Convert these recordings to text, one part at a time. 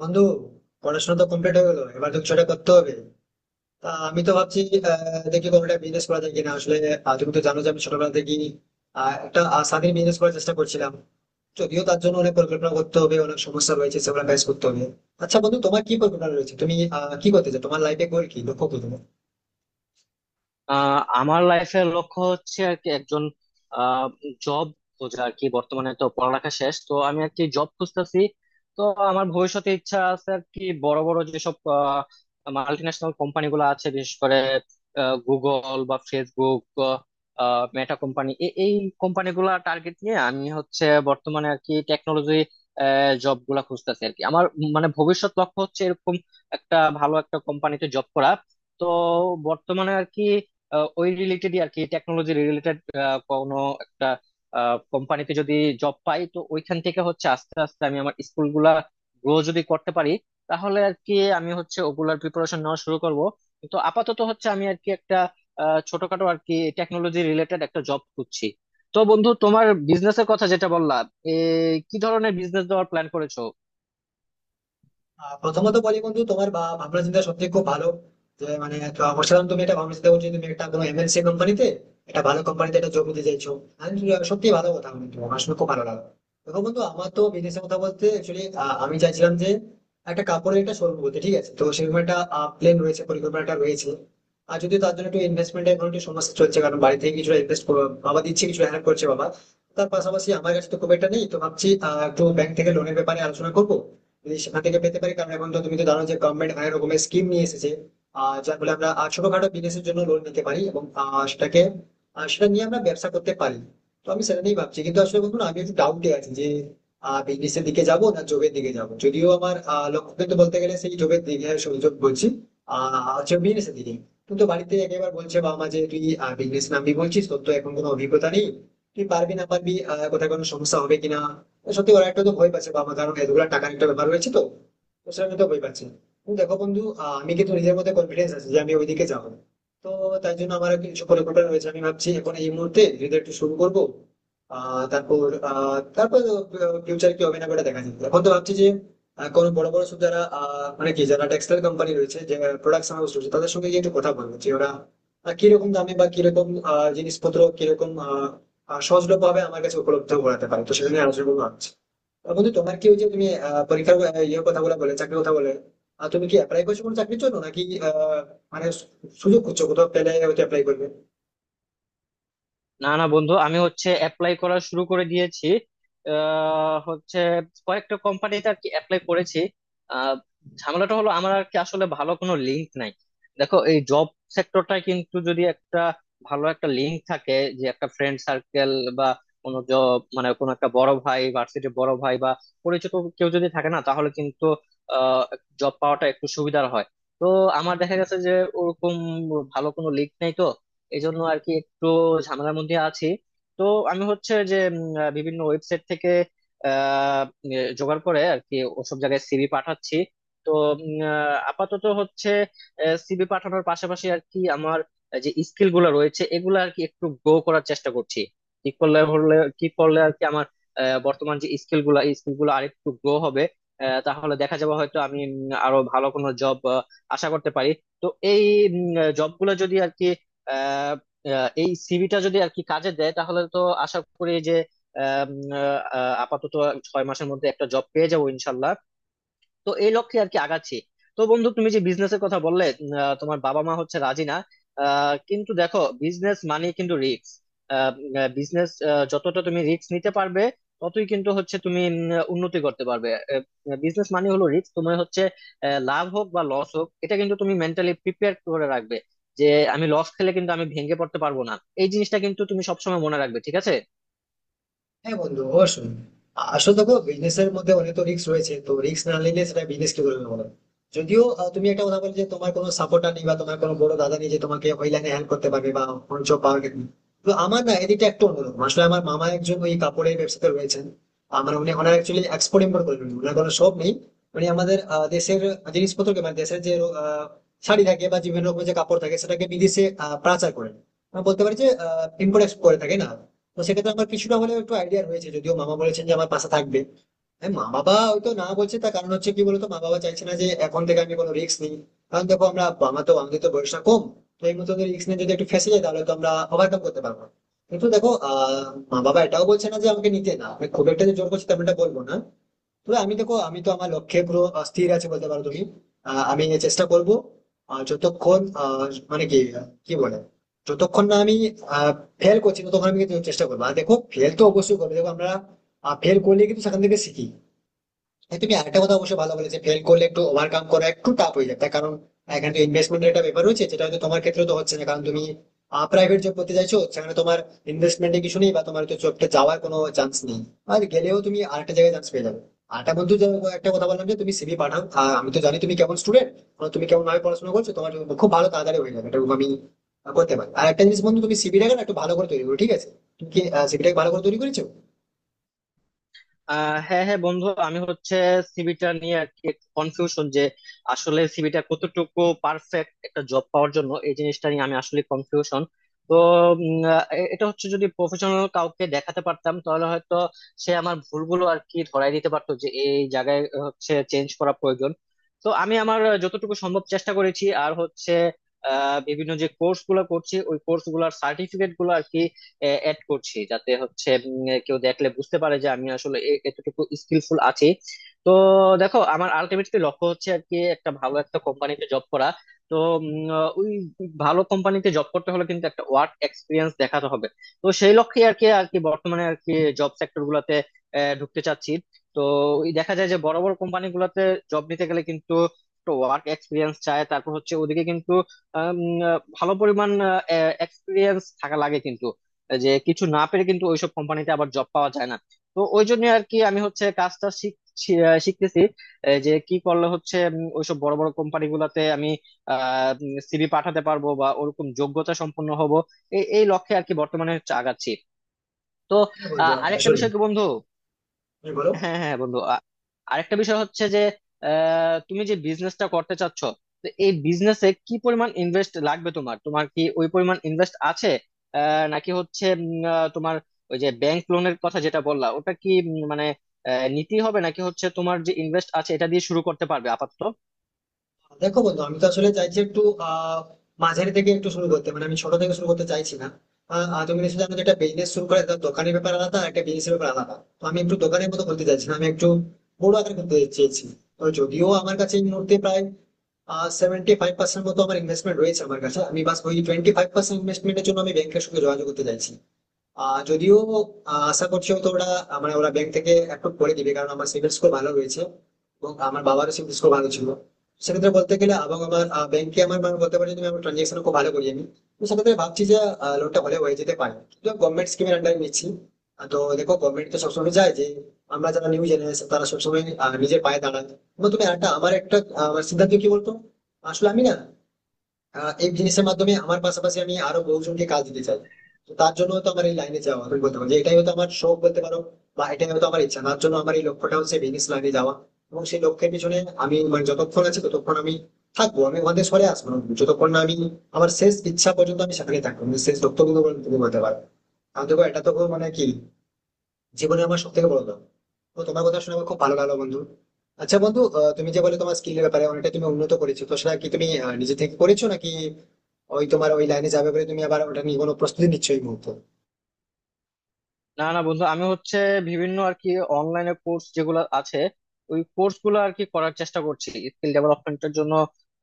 বন্ধু, পড়াশোনা তো কমপ্লিট হয়ে গেলো, এবার তো কিছু একটা করতে হবে। তা আমি তো ভাবছি দেখি কোনো একটা বিজনেস করা যায় কিনা আসলে। তুমি তো জানো যে আমি ছোটবেলা থেকেই একটা স্বাধীন বিজনেস করার চেষ্টা করছিলাম। যদিও তার জন্য অনেক পরিকল্পনা করতে হবে, অনেক সমস্যা রয়েছে সেগুলো ফেস করতে হবে। আচ্ছা বন্ধু, তোমার কি পরিকল্পনা রয়েছে? তুমি কি করতে চাও? তোমার লাইফে গোল কি, লক্ষ্য কি তোমার? আমার লাইফের লক্ষ্য হচ্ছে আর কি একজন জব খোঁজা। আর কি বর্তমানে তো পড়ালেখা শেষ, তো আমি আর কি জব খুঁজতেছি। তো আমার ভবিষ্যতে ইচ্ছা আছে আর কি বড় বড় যেসব মাল্টি ন্যাশনাল কোম্পানি গুলো আছে, বিশেষ করে গুগল বা ফেসবুক, মেটা কোম্পানি। এই কোম্পানি গুলা টার্গেট নিয়ে আমি হচ্ছে বর্তমানে আর কি টেকনোলজি জব গুলা খুঁজতেছি। আর কি আমার মানে ভবিষ্যৎ লক্ষ্য হচ্ছে এরকম একটা ভালো একটা কোম্পানিতে জব করা। তো বর্তমানে আর কি ওই রিলেটেডই আর কি টেকনোলজি রিলেটেড কোনো একটা কোম্পানিতে যদি জব পাই, তো ওইখান থেকে হচ্ছে আস্তে আস্তে আমি আমার স্কুল গুলা গ্রো যদি করতে পারি, তাহলে আর কি আমি হচ্ছে ওগুলার প্রিপারেশন নেওয়া শুরু করব। কিন্তু আপাতত হচ্ছে আমি আর কি একটা ছোটখাটো আর কি টেকনোলজি রিলেটেড একটা জব খুঁজছি। তো বন্ধু, তোমার বিজনেসের কথা যেটা বললা, এ কি ধরনের বিজনেস দেওয়ার প্ল্যান করেছো? প্রথমত বলি বন্ধু, তোমার ভাবনা চিন্তা সত্যি খুব ভালো। যে মানে তো বলছিলাম তুমি একটা ভাবনা চিন্তা করছো, তুমি একটা কোনো এমএনসি কোম্পানিতে, একটা ভালো কোম্পানিতে একটা জব নিতে চাইছো। আমি বলি, সত্যি ভালো কথা বন্ধু, আমার শুনে খুব ভালো লাগলো। দেখো বন্ধু, আমার তো বিজনেসের কথা বলতে অ্যাকচুয়ালি আমি চাইছিলাম যে একটা কাপড়ের একটা শোরুম, বলতে ঠিক আছে, তো সেরকম একটা প্ল্যান রয়েছে, পরিকল্পনাটা রয়েছে। আর যদি তার জন্য একটু ইনভেস্টমেন্টের এখন একটু সমস্যা চলছে, কারণ বাড়ি থেকে কিছু ইনভেস্ট বাবা দিচ্ছে, কিছু হেল্প করছে বাবা। তার পাশাপাশি আমার কাছে তো খুব একটা নেই, তো ভাবছি একটু ব্যাংক থেকে লোনের ব্যাপারে আলোচনা করবো, যদি সেখান থেকে পেতে পারি, কারণ এখন তো তুমি তো জানো যে গভর্নমেন্ট অনেক রকমের স্কিম নিয়ে এসেছে। যার ফলে আমরা ছোটখাটো বিজনেসের জন্য লোন নিতে পারি এবং সেটা নিয়ে আমরা ব্যবসা করতে পারি। তো আমি সেটা নিয়েই ভাবছি, কিন্তু আসলে বন্ধু না, আমি একটু ডাউটে আছি যে বিজনেসের দিকে যাব না জবের দিকে যাব। যদিও আমার লক্ষ্য কিন্তু বলতে গেলে সেই জবের দিকে, সরি, job বলছি, হচ্ছে বিজনেসের দিকে। কিন্তু বাড়িতে একেবারে বলছে বাবা মা যে তুই বিজনেস নামবি বলছিস, তোর তো এখন কোনো অভিজ্ঞতা নেই, তুই পারবি না পারবি, কোথায় কোনো সমস্যা হবে কিনা। সত্যি ওরা একটা তো ভয় পাচ্ছে বাবা, কারণ এতগুলো টাকার একটা ব্যাপার রয়েছে তো, তো সেটা তো ভয় পাচ্ছে। কিন্তু দেখো বন্ধু, আমি কিন্তু নিজের মধ্যে কনফিডেন্স আছে যে আমি ওইদিকে যাবো। তো তাই জন্য আমার কিছু পরিকল্পনা রয়েছে, আমি ভাবছি এখন এই মুহূর্তে যদি একটু শুরু করবো। আহ তারপর আহ তারপর ফিউচার কি হবে না ওটা দেখা যাবে। এখন তো ভাবছি যে কোনো বড় বড় সব যারা মানে কি যারা টেক্সটাইল কোম্পানি রয়েছে, যে প্রোডাক্টস হাউস রয়েছে, তাদের সঙ্গে গিয়ে একটু কথা বলবো যে ওরা কিরকম দামে বা কিরকম জিনিসপত্র কিরকম আহ, আহ, সহজলভ্যভাবে আমার কাছে উপলব্ধ করাতে পারে, তো সেটা নিয়ে আলোচনা করবো ভাবছি। বন্ধু তোমার কি ওই যে তুমি পরীক্ষার ইয়ে কথা বলে বলে চাকরির কথা বলে তুমি কি অ্যাপ্লাই করছো কোনো চাকরির জন্য, নাকি আহ, মানে সুযোগ খুঁজছো, কোথাও পেলে হয়তো অ্যাপ্লাই করবে? না না বন্ধু, আমি হচ্ছে অ্যাপ্লাই করা শুরু করে দিয়েছি। হচ্ছে কয়েকটা কোম্পানিতে আর কি অ্যাপ্লাই করেছি। আহ, ঝামেলাটা হলো আমার আর কি, আসলে ভালো কোনো লিঙ্ক নাই। দেখো, এই জব সেক্টরটা কিন্তু যদি একটা ভালো একটা লিঙ্ক থাকে, যে একটা ফ্রেন্ড সার্কেল বা কোনো জব মানে কোনো একটা বড় ভাই, ভার্সিটির বড় ভাই বা পরিচিত কেউ যদি থাকে না, তাহলে কিন্তু জব পাওয়াটা একটু সুবিধার হয়। তো আমার দেখা গেছে যে ওরকম ভালো কোনো লিঙ্ক নাই, তো এই জন্য আর কি একটু ঝামেলার মধ্যে আছি। তো আমি হচ্ছে যে বিভিন্ন ওয়েবসাইট থেকে আহ জোগাড় করে আর কি ওসব জায়গায় সিভি পাঠাচ্ছি। তো আপাতত হচ্ছে সিভি পাঠানোর পাশাপাশি আর কি আমার যে স্কিল গুলো রয়েছে এগুলো আর কি একটু গ্রো করার চেষ্টা করছি। কি করলে আর কি আমার বর্তমান যে স্কিল গুলো আরেকটু গ্রো হবে, তাহলে দেখা যাবে হয়তো আমি আরো ভালো কোনো জব আশা করতে পারি। তো এই জব গুলো যদি আর কি আহ, আহ, এই সিভিটা যদি আর কি কাজে দেয়, তাহলে তো আশা করি যে আম, আপাতত 6 মাসের মধ্যে একটা জব পেয়ে যাবো ইনশাল্লাহ। তো এই লক্ষ্যে আর কি আগাচ্ছি। তো বন্ধু, তুমি যে বিজনেসের কথা বললে, তোমার বাবা মা হচ্ছে রাজি না। কিন্তু দেখো, বিজনেস মানে কিন্তু রিস্ক। বিজনেস যতটা তুমি রিস্ক নিতে পারবে, ততই কিন্তু হচ্ছে তুমি উন্নতি করতে পারবে। বিজনেস মানে হলো রিস্ক। তুমি হচ্ছে লাভ হোক বা লস হোক, এটা কিন্তু তুমি মেন্টালি প্রিপেয়ার করে রাখবে যে আমি লস খেলে কিন্তু আমি ভেঙে পড়তে পারবো না। এই জিনিসটা কিন্তু তুমি সবসময় মনে রাখবে, ঠিক আছে? হ্যাঁ বন্ধু অবশ্যই। আসলে দেখো বিজনেস এর মধ্যে অনেক তো রিস্ক রয়েছে, তো রিস্ক না নিলে সেটা বিজনেস কি বলবো বলো। যদিও তুমি একটা কথা বলে যে তোমার কোনো সাপোর্টার নেই বা তোমার কোনো বড় দাদা নেই যে তোমাকে ওই লাইনে হেল্প করতে পারবে, বা কোনো জব পাওয়ার ক্ষেত্রে। তো আমার না এদিকটা একটু অন্যরকম, আসলে আমার মামা একজন ওই কাপড়ের ব্যবসাতে রয়েছেন। আমার উনি, ওনার অ্যাকচুয়ালি এক্সপোর্ট ইম্পোর্ট করেন, ওনার কোনো শপ নেই। উনি আমাদের দেশের জিনিসপত্রকে, মানে দেশের যে আ, শাড়ি থাকে বা বিভিন্ন রকমের যে কাপড় থাকে, সেটাকে বিদেশে পাচার করেন। আমরা বলতে পারি যে ইম্পোর্ট এক্সপোর্ট করে থাকে না। তো সেক্ষেত্রে আমার কিছুটা হলেও একটু আইডিয়া রয়েছে, যদিও মামা বলেছেন যে আমার পাশে থাকবে। হ্যাঁ মা বাবা হয়তো না বলছে, তার কারণ হচ্ছে কি বলতো, মা বাবা চাইছে না যে এখন থেকে আমি কোনো রিস্ক নিই। কারণ দেখো আমরা, আমার তো আমাদের তো বয়সটা কম, তো এই মতো রিস্ক নিয়ে যদি একটু ফেঁসে যায় তাহলে তো আমরা ওভারকাম করতে পারবো না। কিন্তু দেখো মা বাবা এটাও বলছে না যে আমাকে নিতে না, আমি খুব একটা যে জোর করছি তেমনটা বলবো না। তবে আমি দেখো, আমি তো আমার লক্ষ্যে পুরো স্থির আছে বলতে পারো তুমি। আমি চেষ্টা করব আহ, যতক্ষণ আহ, মানে কি কি বলে যতক্ষণ না আমি ফেল করছি ততক্ষণ আমি কিন্তু চেষ্টা করবো। আর দেখো ফেল তো অবশ্যই করবে, দেখো আমরা ফেল করলে কিন্তু সেখান থেকে শিখি। হ্যাঁ তুমি আরেকটা কথা অবশ্যই ভালো বলেছে, ফেল করলে একটু ওভারকাম করা একটু টাফ হয়ে যায়, তার কারণ এখানে তো ইনভেস্টমেন্টের একটা ব্যাপার রয়েছে, যেটা হয়তো তোমার ক্ষেত্রে তো হচ্ছে না, কারণ তুমি প্রাইভেট জব করতে চাইছো, সেখানে তোমার ইনভেস্টমেন্টে কিছু নেই, বা তোমার তো জবটা যাওয়ার কোনো চান্স নেই, আর গেলেও তুমি আরেকটা জায়গায় চান্স পেয়ে যাবে। আরেকটা বন্ধু একটা কথা বললাম যে তুমি সিভি পাঠাও, আর আমি তো জানি তুমি কেমন স্টুডেন্ট, তুমি কেমন ভাবে পড়াশোনা করছো, তোমার খুব ভালো তাড়াতাড়ি হয়ে যাবে, এটা আমি করতে পারি। আর একটা জিনিস বন্ধু, তুমি সিভিটাকে না একটু ভালো করে তৈরি করো, ঠিক আছে? তুমি কি সিভিটাকে ভালো করে তৈরি করেছো? হ্যাঁ হ্যাঁ বন্ধু, আমি হচ্ছে সিভিটা নিয়ে আর কি কনফিউশন যে, আসলে সিভিটা কতটুকু পারফেক্ট একটা জব পাওয়ার জন্য, এই জিনিসটা নিয়ে আমি আসলে কনফিউশন। তো এটা হচ্ছে, যদি প্রফেশনাল কাউকে দেখাতে পারতাম তাহলে হয়তো সে আমার ভুলগুলো আর কি ধরাই দিতে পারতো, যে এই জায়গায় হচ্ছে চেঞ্জ করা প্রয়োজন। তো আমি আমার যতটুকু সম্ভব চেষ্টা করেছি। আর হচ্ছে বিভিন্ন যে কোর্স গুলো করছি, ওই কোর্স গুলার সার্টিফিকেট গুলো আর কি অ্যাড করছি, যাতে হচ্ছে কেউ দেখলে বুঝতে পারে যে আমি আসলে এতটুকু স্কিলফুল আছি। তো দেখো, আমার আলটিমেটলি লক্ষ্য হচ্ছে আর কি একটা ভালো একটা কোম্পানিতে জব করা। তো উম, ওই ভালো কোম্পানিতে জব করতে হলে কিন্তু একটা ওয়ার্ক এক্সপিরিয়েন্স দেখাতে হবে। তো সেই লক্ষ্যে আর কি বর্তমানে আর কি জব সেক্টর গুলাতে ঢুকতে চাচ্ছি। তো ওই দেখা যায় যে বড় বড় কোম্পানি গুলাতে জব নিতে গেলে কিন্তু ওয়ার্ক এক্সপিরিয়েন্স চায়। তারপর হচ্ছে ওদিকে কিন্তু আম, ভালো পরিমাণ এক্সপিরিয়েন্স থাকা লাগে কিন্তু, যে কিছু না পেরে কিন্তু ওইসব কোম্পানিতে আবার জব পাওয়া যায় না। তো ওই জন্য আর কি আমি হচ্ছে কাজটা শিখতেছি। এ, যে কি করলে হচ্ছে ওইসব বড় বড় কোম্পানি গুলাতে আমি আহ সিভি পাঠাতে পারবো বা ওরকম যোগ্যতা সম্পন্ন হব। এই এই লক্ষ্যে আর কি বর্তমানে হচ্ছে আগাচ্ছি। তো হ্যাঁ বন্ধু আরেকটা আসলে বিষয় কি বন্ধু? তুমি বলো। হ্যাঁ হ্যাঁ বন্ধু, আরেকটা বিষয় হচ্ছে যে, তুমি যে বিজনেসটা করতে চাচ্ছ, তো এই বিজনেসে কি পরিমাণ ইনভেস্ট লাগবে? তোমার তোমার কি ওই পরিমাণ ইনভেস্ট আছে? নাকি হচ্ছে তোমার ওই যে ব্যাংক লোনের কথা যেটা বললা, ওটা কি মানে নিতেই হবে, নাকি হচ্ছে তোমার যে ইনভেস্ট আছে এটা দিয়ে শুরু করতে পারবে আপাতত? দেখো বন্ধু, আমি তো আসলে চাইছি একটু আহ মাঝারি থেকে একটু শুরু করতে, মানে আমি ছোট থেকে শুরু করতে চাইছি না। আহ, আহ, তুমি নিশ্চয়ই জানো যে একটা বিজনেস শুরু করে তার দোকানের ব্যাপার আলাদা আর একটা বিজনেসের ব্যাপার আলাদা, তো আমি একটু দোকানের মতো করতে চাইছি না, আমি একটু বড় আকারে করতে চেয়েছি। তো যদিও আমার কাছে এই মুহূর্তে প্রায় 75% মতো আমার ইনভেস্টমেন্ট রয়েছে আমার কাছে, আমি বাস ওই 25% ইনভেস্টমেন্টের জন্য আমি ব্যাংকের সঙ্গে যোগাযোগ করতে চাইছি। যদিও আশা করছি হয়তো ওরা আহ, মানে ওরা ব্যাংক থেকে অ্যাপ্রুভ করে দিবে, কারণ আমার সিবিল স্কোর ভালো রয়েছে এবং আমার বাবারও সিবিল স্কোর ভালো ছিল। সেক্ষেত্রে বলতে গেলে, এবং আমার ব্যাংকে আমার মানে বলতে পারি যে আমি আমার ট্রানজেকশন খুব ভালো করি আমি। তো সেক্ষেত্রে ভাবছি যে লোনটা হলে হয়ে যেতে পারে, কিন্তু গভর্নমেন্ট স্কিমের আন্ডারে নিচ্ছি। তো দেখো গভর্নমেন্ট তো সবসময় চায় যে আমরা যারা নিউ জেনারেশন তারা সবসময় নিজের পায়ে দাঁড়ায়। এবং তুমি একটা, আমার একটা আমার সিদ্ধান্ত কি বলতো, আসলে আমি না এই জিনিসের মাধ্যমে আমার পাশাপাশি আমি আরো বহুজনকে কাজ দিতে চাই। তো তার জন্য তো আমার এই লাইনে যাওয়া, তুমি বলতে পারো যে এটাই হয়তো আমার শখ বলতে পারো, বা এটাই হয়তো আমার ইচ্ছা, তার জন্য আমার এই লক্ষ্যটা হচ্ছে বিজনেস লাইনে যাওয়া। এবং সেই লক্ষ্যের পিছনে আমি মানে যতক্ষণ আছি ততক্ষণ আমি থাকবো, আমি ওখান থেকে সরে আসবো না, যতক্ষণ না আমি আমার শেষ ইচ্ছা পর্যন্ত আমি সেখানে থাকবো, আমি শেষ লক্ষ্য কিন্তু বলতে পারবো। আর দেখো এটা তো কোনো মানে কি জীবনে আমার সব থেকে বড় লাভ। তো তোমার কথা শুনে আমার খুব ভালো লাগলো বন্ধু। আচ্ছা বন্ধু, তুমি যে বলে তোমার স্কিলের ব্যাপারে অনেকটা তুমি উন্নত করেছো, তো সেটা কি তুমি নিজে থেকে করেছো, নাকি ওই তোমার ওই লাইনে যাবে বলে তুমি আবার ওটা নিয়ে কোনো প্রস্তুতি নিচ্ছ এই মুহূর্তে? না না বন্ধু, আমি হচ্ছে বিভিন্ন আর কি অনলাইনে কোর্স যেগুলো আছে, ওই কোর্স গুলো আর কি করার চেষ্টা করছি স্কিল ডেভেলপমেন্টের জন্য।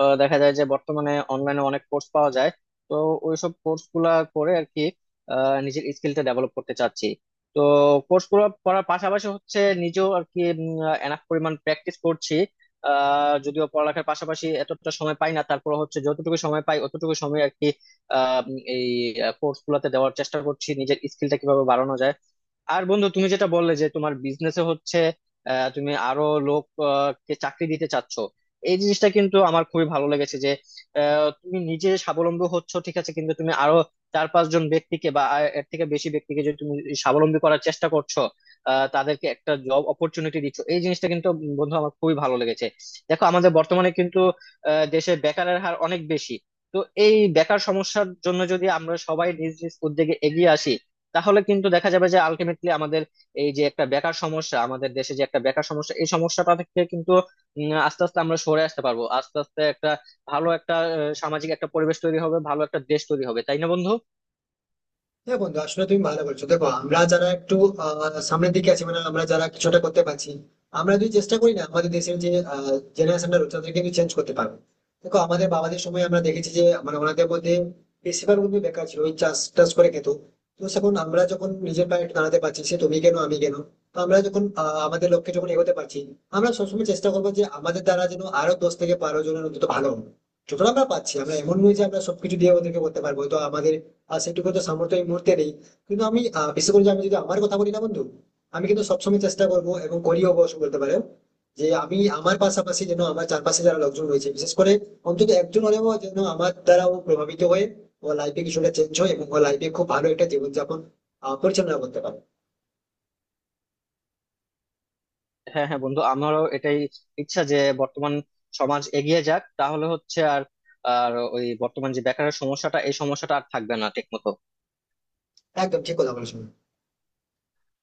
দেখা যায় যে বর্তমানে অনলাইনে অনেক কোর্স পাওয়া যায়। তো ওইসব কোর্স গুলা করে আর কি নিজের স্কিলটা ডেভেলপ করতে চাচ্ছি। তো কোর্স গুলো করার পাশাপাশি হচ্ছে নিজেও আর কি এনাফ পরিমাণ প্র্যাকটিস করছি। যদিও পড়ালেখার পাশাপাশি এতটা সময় পাই না, তারপর হচ্ছে যতটুকু সময় পাই অতটুকু সময় আর কি এই কোর্স গুলাতে দেওয়ার চেষ্টা করছি, নিজের স্কিলটা কিভাবে বাড়ানো যায়। আর বন্ধু, তুমি যেটা বললে যে তোমার বিজনেসে হচ্ছে তুমি আরো লোক কে চাকরি দিতে চাচ্ছ, এই জিনিসটা কিন্তু আমার খুবই ভালো লেগেছে। যে তুমি নিজে স্বাবলম্বী হচ্ছ ঠিক আছে, কিন্তু তুমি আরো চার পাঁচজন ব্যক্তিকে বা এর থেকে বেশি ব্যক্তিকে যদি তুমি স্বাবলম্বী করার চেষ্টা করছো, তাদেরকে একটা জব অপরচুনিটি দিচ্ছ, এই জিনিসটা কিন্তু বন্ধু আমার খুবই ভালো লেগেছে। দেখো আমাদের বর্তমানে কিন্তু দেশে বেকারের হার অনেক বেশি। তো এই বেকার সমস্যার জন্য যদি আমরা সবাই নিজ নিজ উদ্যোগে এগিয়ে আসি, তাহলে কিন্তু দেখা যাবে যে আলটিমেটলি আমাদের এই যে একটা বেকার সমস্যা, আমাদের দেশে যে একটা বেকার সমস্যা, এই সমস্যাটা থেকে কিন্তু আস্তে আস্তে আমরা সরে আসতে পারবো। আস্তে আস্তে একটা ভালো একটা সামাজিক একটা পরিবেশ তৈরি হবে, ভালো একটা দেশ তৈরি হবে, তাই না বন্ধু? হ্যাঁ বন্ধু, আসলে তুমি ভালো বলছো। দেখো আমরা যারা একটু সামনের দিকে আছি, মানে আমরা যারা কিছুটা করতে পারছি, আমরা যদি চেষ্টা করি না, আমাদের দেশের যে জেনারেশনটা রয়েছে তাদেরকে কিন্তু চেঞ্জ করতে পারবো। দেখো আমাদের বাবাদের সময় আমরা দেখেছি যে মানে ওনাদের মধ্যে বেশিরভাগ কিন্তু বেকার ছিল, ওই চাষ টাস করে খেত। তো সেখন আমরা যখন নিজের পায়ে একটু দাঁড়াতে পারছি, সে তুমি কেন আমি কেন, তো আমরা যখন আমাদের লক্ষ্যে যখন এগোতে পারছি, আমরা সবসময় চেষ্টা করবো যে আমাদের দ্বারা যেন আরো 10 থেকে 12 জনের অন্তত ভালো হবে। যতটা আমরা পাচ্ছি, আমরা এমন নয় যে আমরা সবকিছু দিয়ে ওদেরকে করতে পারবো, তো আমাদের আর সেটুকু তো সামর্থ্য এই মুহূর্তে নেই। কিন্তু আমি বিশেষ করে যে আমি যদি আমার কথা বলি না বন্ধু, আমি কিন্তু সবসময় চেষ্টা করবো এবং করিও অবশ্য বলতে পারো, যে আমি আমার পাশাপাশি যেন আমার চারপাশে যারা লোকজন রয়েছে বিশেষ করে অন্তত একজন হলেও যেন আমার দ্বারাও প্রভাবিত হয়ে ও লাইফে কিছুটা চেঞ্জ হয়, এবং ও লাইফে খুব ভালো একটা জীবনযাপন পরিচালনা করতে পারে। হ্যাঁ হ্যাঁ বন্ধু, আমারও এটাই ইচ্ছা যে বর্তমান সমাজ এগিয়ে যাক, তাহলে হচ্ছে আর আর ওই বর্তমান যে বেকারের সমস্যাটা, এই সমস্যাটা আর থাকবে না ঠিক মতো। একদম ঠিক কথা বলেছো।